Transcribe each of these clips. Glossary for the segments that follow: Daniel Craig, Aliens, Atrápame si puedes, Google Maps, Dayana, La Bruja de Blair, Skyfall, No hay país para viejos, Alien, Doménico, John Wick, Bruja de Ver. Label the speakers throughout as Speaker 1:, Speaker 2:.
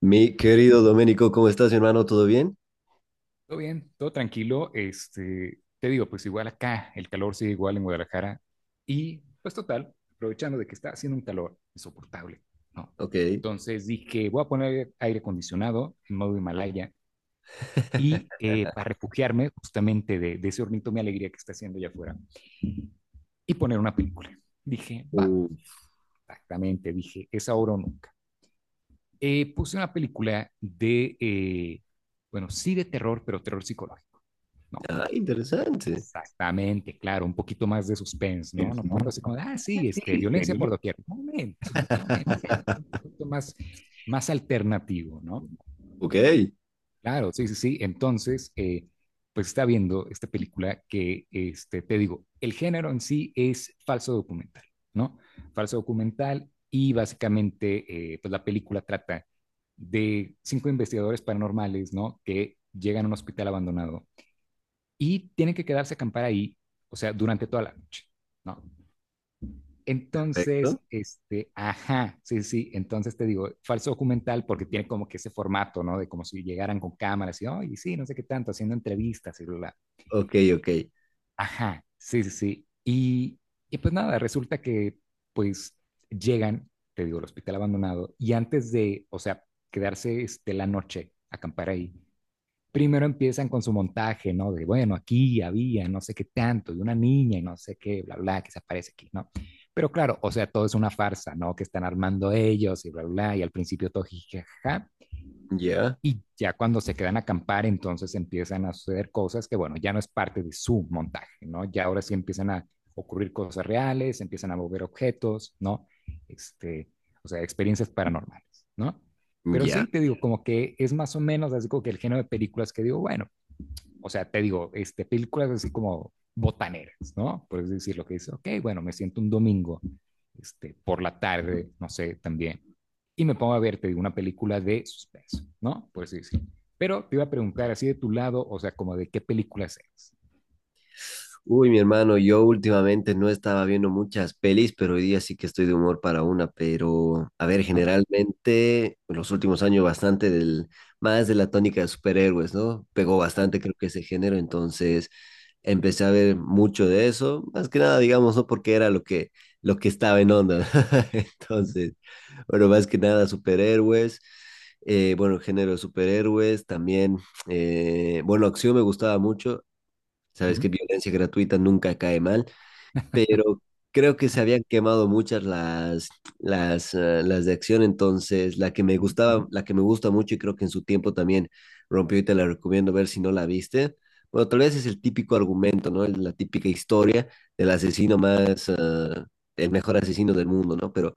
Speaker 1: Mi querido Doménico, ¿cómo estás, hermano? ¿Todo bien?
Speaker 2: Todo bien, todo tranquilo. Te digo, pues igual acá, el calor sigue igual en Guadalajara. Y pues total, aprovechando de que está haciendo un calor insoportable, ¿no?
Speaker 1: Ok.
Speaker 2: Entonces dije, voy a poner aire acondicionado en modo Himalaya y para refugiarme justamente de ese hornito, mi alegría que está haciendo allá afuera y poner una película. Dije, va, exactamente, dije, es ahora o nunca. Puse una película de, bueno, sí de terror, pero terror psicológico. No,
Speaker 1: Ah, interesante.
Speaker 2: exactamente, claro, un poquito más de suspense, ¿no? No tanto así como, de, ah, sí, violencia por doquier. Un momento, un poquito más, más alternativo, ¿no?
Speaker 1: Ok,
Speaker 2: Claro, sí, sí, sí. Entonces, pues está viendo esta película que, te digo, el género en sí es falso documental, ¿no? Falso documental y básicamente, pues la película trata de 5 investigadores paranormales, ¿no? Que llegan a un hospital abandonado y tienen que quedarse a acampar ahí, o sea, durante toda la noche, ¿no?
Speaker 1: perfecto.
Speaker 2: Entonces, ajá, sí, sí, entonces te digo, falso documental porque tiene como que ese formato, ¿no? De como si llegaran con cámaras y, oye, sí, no sé qué tanto, haciendo entrevistas y bla, bla.
Speaker 1: Ok, ok.
Speaker 2: Ajá, sí, sí, sí. Y pues nada, resulta que pues llegan, te digo, al hospital abandonado y antes de, o sea, quedarse la noche, acampar ahí, primero empiezan con su montaje, ¿no? De, bueno, aquí había no sé qué tanto, de una niña y no sé qué, bla, bla, que se aparece aquí, ¿no? Pero claro, o sea, todo es una farsa, ¿no? Que están armando ellos y bla, bla, y al principio todo jijaja.
Speaker 1: Ya,
Speaker 2: Y ya cuando se quedan a acampar, entonces empiezan a suceder cosas que, bueno, ya no es parte de su montaje, ¿no? Ya ahora sí empiezan a ocurrir cosas reales, empiezan a mover objetos, ¿no? Este, o sea, experiencias paranormales, ¿no? Pero
Speaker 1: ya.
Speaker 2: sí, te digo, como que es más o menos así como que el género de películas que digo, bueno, o sea, te digo, películas así como botaneras, ¿no? Por decir lo que dice, ok, bueno, me siento un domingo, por la tarde, no sé, también, y me pongo a ver, te digo, una película de suspenso, ¿no? Por así decirlo. Pero te iba a preguntar, así de tu lado, o sea, como de qué películas eres.
Speaker 1: Uy, mi hermano, yo últimamente no estaba viendo muchas pelis, pero hoy día sí que estoy de humor para una. Pero, a ver,
Speaker 2: Ajá,
Speaker 1: generalmente, en los últimos años bastante más de la tónica de superhéroes, ¿no? Pegó bastante, creo que ese género. Entonces, empecé a ver mucho de eso, más que nada, digamos, no porque era lo que estaba en onda.
Speaker 2: ujú,
Speaker 1: Entonces, bueno, más que nada superhéroes, bueno, el género de superhéroes, también, bueno, acción me gustaba mucho, sabes que
Speaker 2: ujú,
Speaker 1: violencia gratuita nunca cae mal, pero creo que se habían quemado muchas las de acción, entonces la que me
Speaker 2: ujú,
Speaker 1: gustaba, la que me gusta mucho y creo que en su tiempo también rompió, y te la recomiendo ver si no la viste. Bueno, tal vez es el típico argumento, ¿no? La típica historia del asesino más, eh, el mejor asesino del mundo, ¿no? Pero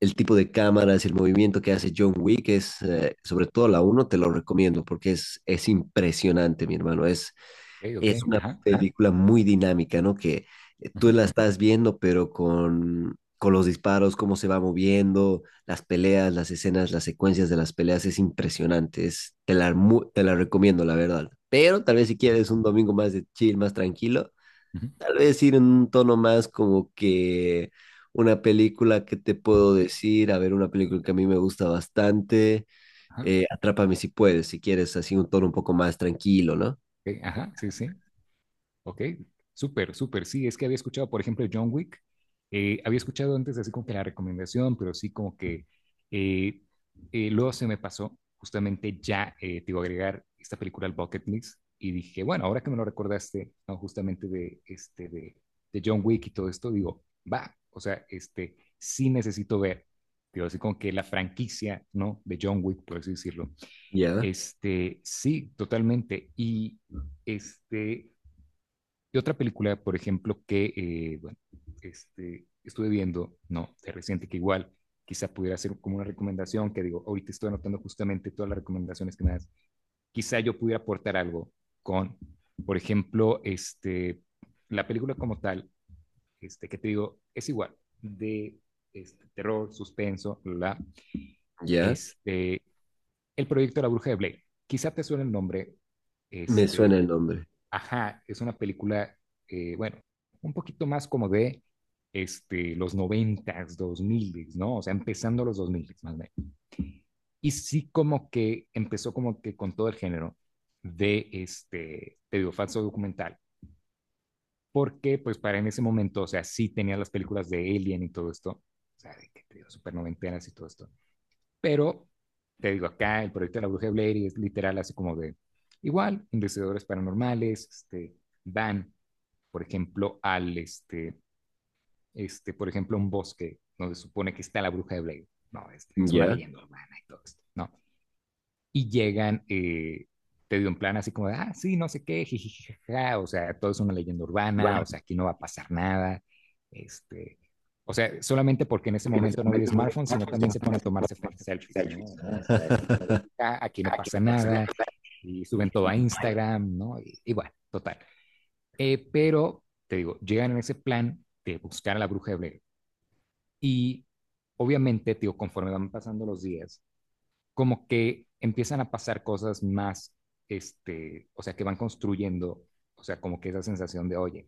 Speaker 1: el tipo de cámaras, el movimiento que hace John Wick sobre todo la uno te lo recomiendo porque es impresionante, mi hermano. Es,
Speaker 2: ok, ok,
Speaker 1: es una
Speaker 2: ajá,
Speaker 1: película muy dinámica, ¿no? Que tú
Speaker 2: ujú,
Speaker 1: la estás viendo, pero con los disparos, cómo se va moviendo, las peleas, las escenas, las secuencias de las peleas, es impresionante. Es, te la, mu- te la recomiendo, la verdad. Pero tal vez si
Speaker 2: ujú,
Speaker 1: quieres un domingo más de chill, más tranquilo,
Speaker 2: ujú,
Speaker 1: tal vez ir en un tono más como que una película que te puedo decir, a ver, una película que a mí me gusta bastante,
Speaker 2: ajá,
Speaker 1: Atrápame si puedes, si quieres, así un tono un poco más tranquilo, ¿no?
Speaker 2: ok, ajá, sí, sí. Ok, súper, súper. Sí, es que había escuchado, por ejemplo, John Wick. Había escuchado antes así como que la recomendación, pero sí como que eh, luego se me pasó justamente ya, te iba agregar esta película al bucket list y dije, bueno, ahora que me lo recordaste, no, justamente de, de John Wick y todo esto, digo, va, o sea, sí necesito ver, digo, así como que la franquicia, ¿no? De John Wick, por así decirlo.
Speaker 1: Ya,
Speaker 2: Sí, totalmente. Y este... Y otra película, por ejemplo, que bueno, estuve viendo, no, de reciente, que igual quizá pudiera ser como una recomendación, que digo, ahorita estoy anotando justamente todas las recomendaciones que me das, quizá yo pudiera aportar algo con, por ejemplo, la película como tal, que te digo, es igual, de terror, suspenso,
Speaker 1: ya.
Speaker 2: este, el proyecto La Bruja de Blake. Quizá te suene el nombre,
Speaker 1: Me suena
Speaker 2: este,
Speaker 1: el nombre.
Speaker 2: ajá, es una película, bueno, un poquito más como de los noventas, dos miles, ¿no? O sea, empezando los dos miles, más o menos. Y sí como que empezó como que con todo el género de te digo, falso documental. Porque, pues, para en ese momento, o sea, sí tenía las películas de Alien y todo esto, o sea, de que te digo, super noventenas y todo esto. Pero, te digo, acá el proyecto de la bruja de Blair es literal así como de, igual, investigadores paranormales, van por ejemplo, por ejemplo, un bosque donde se supone que está la bruja de Blair. No, es una
Speaker 1: ¿Ya?
Speaker 2: leyenda urbana y todo esto, ¿no? Y llegan, te dio un plan así como, de, ah, sí, no sé qué, jijijaja, o sea, todo es una leyenda urbana, o sea, aquí no va a pasar nada, este, o sea, solamente porque en ese momento no había smartphones, sino también se ponen a tomarse selfies, ¿no? O sea, así como de,
Speaker 1: Selfies.
Speaker 2: ah, aquí no pasa nada, y suben todo a Instagram, ¿no? Y bueno, total. Pero, te digo, llegan en ese plan de buscar a la bruja de Blair. Y obviamente, te digo, conforme van pasando los días, como que empiezan a pasar cosas más, o sea, que van construyendo, o sea, como que esa sensación de, oye,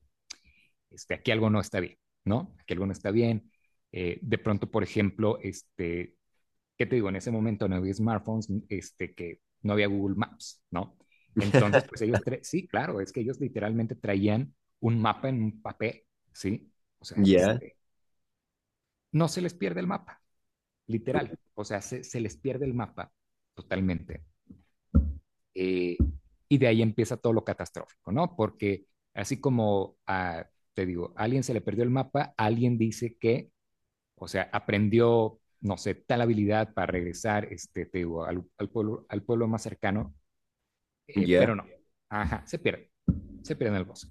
Speaker 2: aquí algo no está bien, ¿no? Aquí algo no está bien. De pronto, por ejemplo, que te digo, en ese momento no había smartphones, que no había Google Maps, ¿no? Entonces, pues ellos, sí, claro, es que ellos literalmente traían un mapa en un papel, ¿sí? O sea,
Speaker 1: ¿Ya?
Speaker 2: no se les pierde el mapa, literal, o sea, se les pierde el mapa totalmente. Eh, y de ahí empieza todo lo catastrófico, ¿no? Porque así como, a, te digo, a alguien se le perdió el mapa, alguien dice que o sea, aprendió, no sé, tal habilidad para regresar te digo, al pueblo, al pueblo más cercano,
Speaker 1: ¿Ya?
Speaker 2: pero no. Ajá, se pierde en el bosque.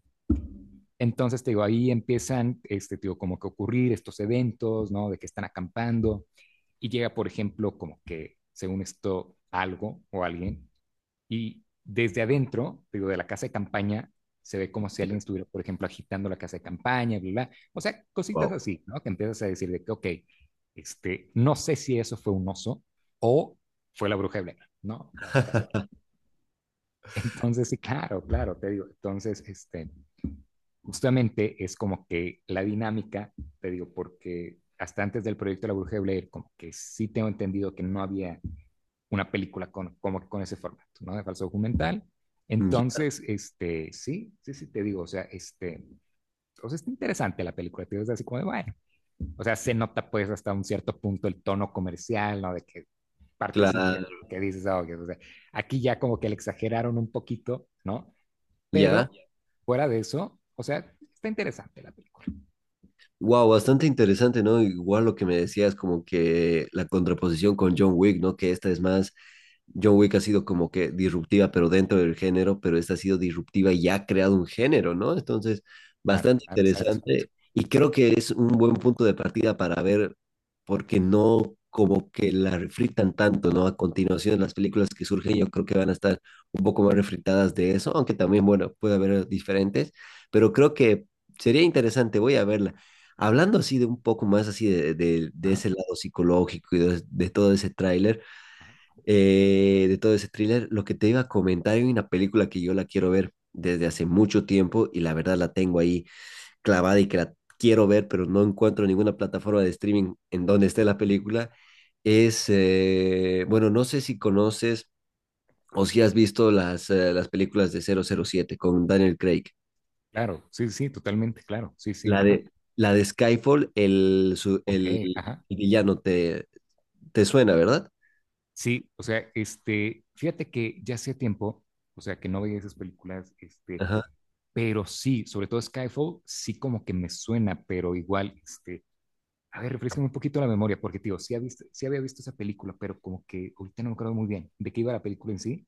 Speaker 2: Entonces, te digo, ahí empiezan, te digo, como que ocurrir estos eventos, ¿no? De que están acampando y llega, por ejemplo, como que, según esto, algo o alguien y desde adentro, digo, de la casa de campaña, se ve como si alguien estuviera, por ejemplo, agitando la casa de campaña, bla, bla. Bla. O sea, cositas
Speaker 1: Wow.
Speaker 2: así, ¿no? Que empiezas a decir de que, ok, no sé si eso fue un oso o fue la bruja de Blair, ¿no? O sea, casual. Entonces, sí, claro, claro, te digo. Entonces, justamente es como que la dinámica, te digo, porque hasta antes del proyecto de La Bruja de Blair, como que sí tengo entendido que no había una película con, como con ese formato, ¿no? De falso documental.
Speaker 1: ¿Ya?
Speaker 2: Entonces, sí, sí, sí, te digo, o sea, está interesante la película, te digo, es así como de, bueno, o sea, se nota pues hasta un cierto punto el tono comercial, ¿no? De que parte sí
Speaker 1: Claro.
Speaker 2: que dices, ah, okay, o sea, aquí ya como que le exageraron un poquito, ¿no?
Speaker 1: ¿Ya?
Speaker 2: Pero fuera de eso, o sea, está interesante la película.
Speaker 1: Wow, bastante interesante, ¿no? Igual lo que me decías, como que la contraposición con John Wick, ¿no? Que esta es más, John Wick ha sido como que disruptiva, pero dentro del género, pero esta ha sido disruptiva y ha creado un género, ¿no? Entonces,
Speaker 2: Claro,
Speaker 1: bastante
Speaker 2: claro, exacto.
Speaker 1: interesante y creo que es un buen punto de partida para ver, porque no como que la refritan tanto, ¿no? A continuación, las películas que surgen yo creo que van a estar un poco más refritadas de eso, aunque también, bueno, puede haber diferentes, pero creo que sería interesante, voy a verla. Hablando así de un poco más así de
Speaker 2: Ajá,
Speaker 1: ese lado psicológico y
Speaker 2: ajá.
Speaker 1: de todo ese thriller, lo que te iba a comentar, hay una película que yo la quiero ver desde hace mucho tiempo y la verdad la tengo ahí clavada y que la quiero ver, pero no encuentro ninguna plataforma de streaming en donde esté la película. Bueno, no sé si conoces o si has visto las películas de 007 con Daniel Craig.
Speaker 2: Claro, sí, sí, totalmente, claro, sí, sí,
Speaker 1: La
Speaker 2: ajá.
Speaker 1: de, la de Skyfall, el, su-
Speaker 2: Ok,
Speaker 1: el,
Speaker 2: ajá.
Speaker 1: el villano, te suena, ¿verdad?
Speaker 2: Sí, o sea, fíjate que ya hacía tiempo, o sea, que no veía esas películas,
Speaker 1: Ajá.
Speaker 2: pero sí, sobre todo Skyfall, sí como que me suena, pero igual, a ver, refrescame un poquito la memoria, porque, tío, sí había visto esa película, pero como que ahorita no me acuerdo muy bien de qué iba la película en sí.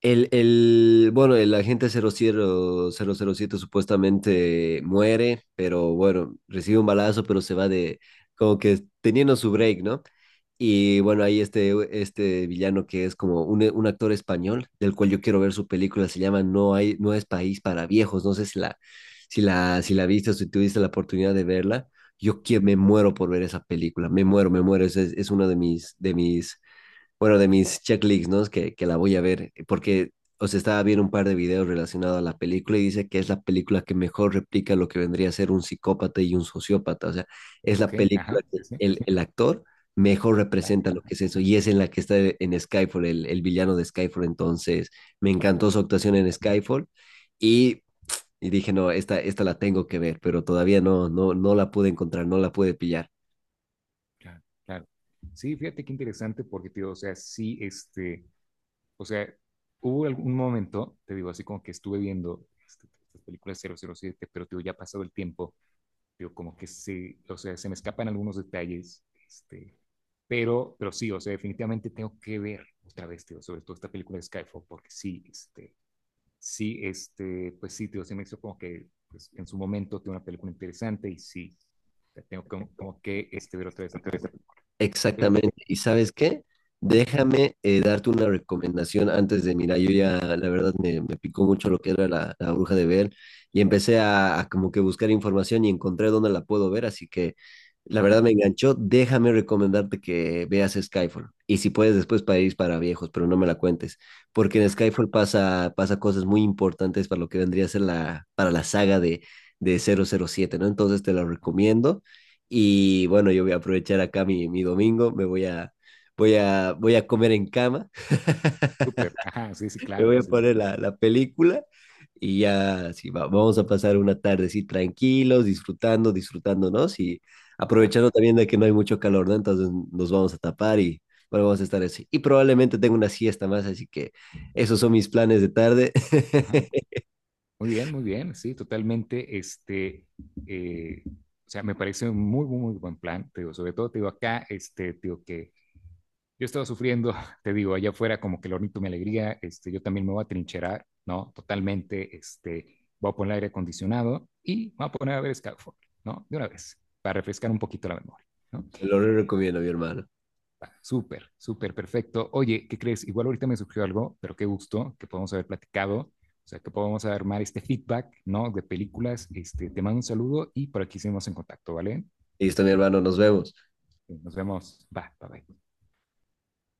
Speaker 1: El agente cero cero siete supuestamente muere, pero bueno, recibe un balazo, pero como que teniendo su break, ¿no? Y bueno, ahí este villano que es como un actor español, del cual yo quiero ver su película, se llama no es país para viejos, no sé si la viste o si tuviste la oportunidad de verla, me muero por ver esa película, me muero, es una de mis checklists, ¿no? Es que la voy a ver, porque, o sea, estaba viendo un par de videos relacionados a la película y dice que es la película que mejor replica lo que vendría a ser un psicópata y un sociópata. O sea, es
Speaker 2: Ok,
Speaker 1: la película
Speaker 2: ajá,
Speaker 1: que
Speaker 2: sí, sí,
Speaker 1: el actor mejor
Speaker 2: tal,
Speaker 1: representa lo
Speaker 2: ajá,
Speaker 1: que es eso y es en la que está en Skyfall, el villano de Skyfall. Entonces, me encantó su actuación en Skyfall y, y dije, no, esta la tengo que ver, pero todavía no, no, no la pude encontrar, no la pude pillar.
Speaker 2: claro, claro. Sí, fíjate qué interesante, porque, tío, o sea, sí, o sea, hubo algún momento, te digo, así como que estuve viendo estas películas 007, pero, tío, ya ha pasado el tiempo. Yo como que sí, o sea, se me escapan algunos detalles, pero sí, o sea, definitivamente tengo que ver otra vez, tío, sobre todo esta película de Skyfall, porque sí, pues sí, tío, se me hizo como que pues, en su momento tiene una película interesante y sí, o sea, tengo como, como que ver otra vez la película. Es-
Speaker 1: Exactamente. ¿Y sabes qué?
Speaker 2: ujú.
Speaker 1: Déjame darte una recomendación mira, yo ya la verdad me picó mucho lo que era la Bruja de Ver y empecé a como que buscar información y encontré dónde la puedo ver, así que la
Speaker 2: Ajá,
Speaker 1: verdad me enganchó. Déjame recomendarte que veas Skyfall y si puedes después País para Viejos, pero no me la cuentes, porque en Skyfall pasa cosas muy importantes para lo que vendría a ser para la saga de 007, ¿no? Entonces te la
Speaker 2: ajá,
Speaker 1: recomiendo. Y bueno, yo voy a aprovechar acá mi domingo, me voy a comer en cama,
Speaker 2: súper, ajá, sí, sí,
Speaker 1: me voy
Speaker 2: claro,
Speaker 1: a
Speaker 2: sí, sí,
Speaker 1: poner la película y ya sí, vamos a pasar una tarde así tranquilos, disfrutando, disfrutándonos y
Speaker 2: claro,
Speaker 1: aprovechando también de que no hay mucho calor, ¿no? Entonces nos vamos a tapar y bueno, vamos a estar así. Y probablemente tengo una siesta más, así que esos son mis planes de tarde.
Speaker 2: ajá, muy bien, muy bien, sí, totalmente. O sea, me parece un muy, muy, muy buen plan, te digo, sobre todo, te digo, acá, te digo que yo estaba sufriendo, te digo, allá afuera como que el hornito mi alegría, yo también me voy a trincherar, ¿no? Totalmente, voy a poner aire acondicionado y me voy a poner a ver Skyfall, ¿no? De una vez, para refrescar un poquito la memoria, ¿no?
Speaker 1: Te lo recomiendo, mi hermano.
Speaker 2: Ah, súper, súper, perfecto. Oye, ¿qué crees? Igual ahorita me surgió algo, pero qué gusto que podamos haber platicado, o sea, que podamos armar este feedback, ¿no? De películas. Te mando un saludo y por aquí seguimos en contacto, ¿vale?
Speaker 1: Listo, mi hermano, nos vemos.
Speaker 2: Nos vemos. Va, bye, bye.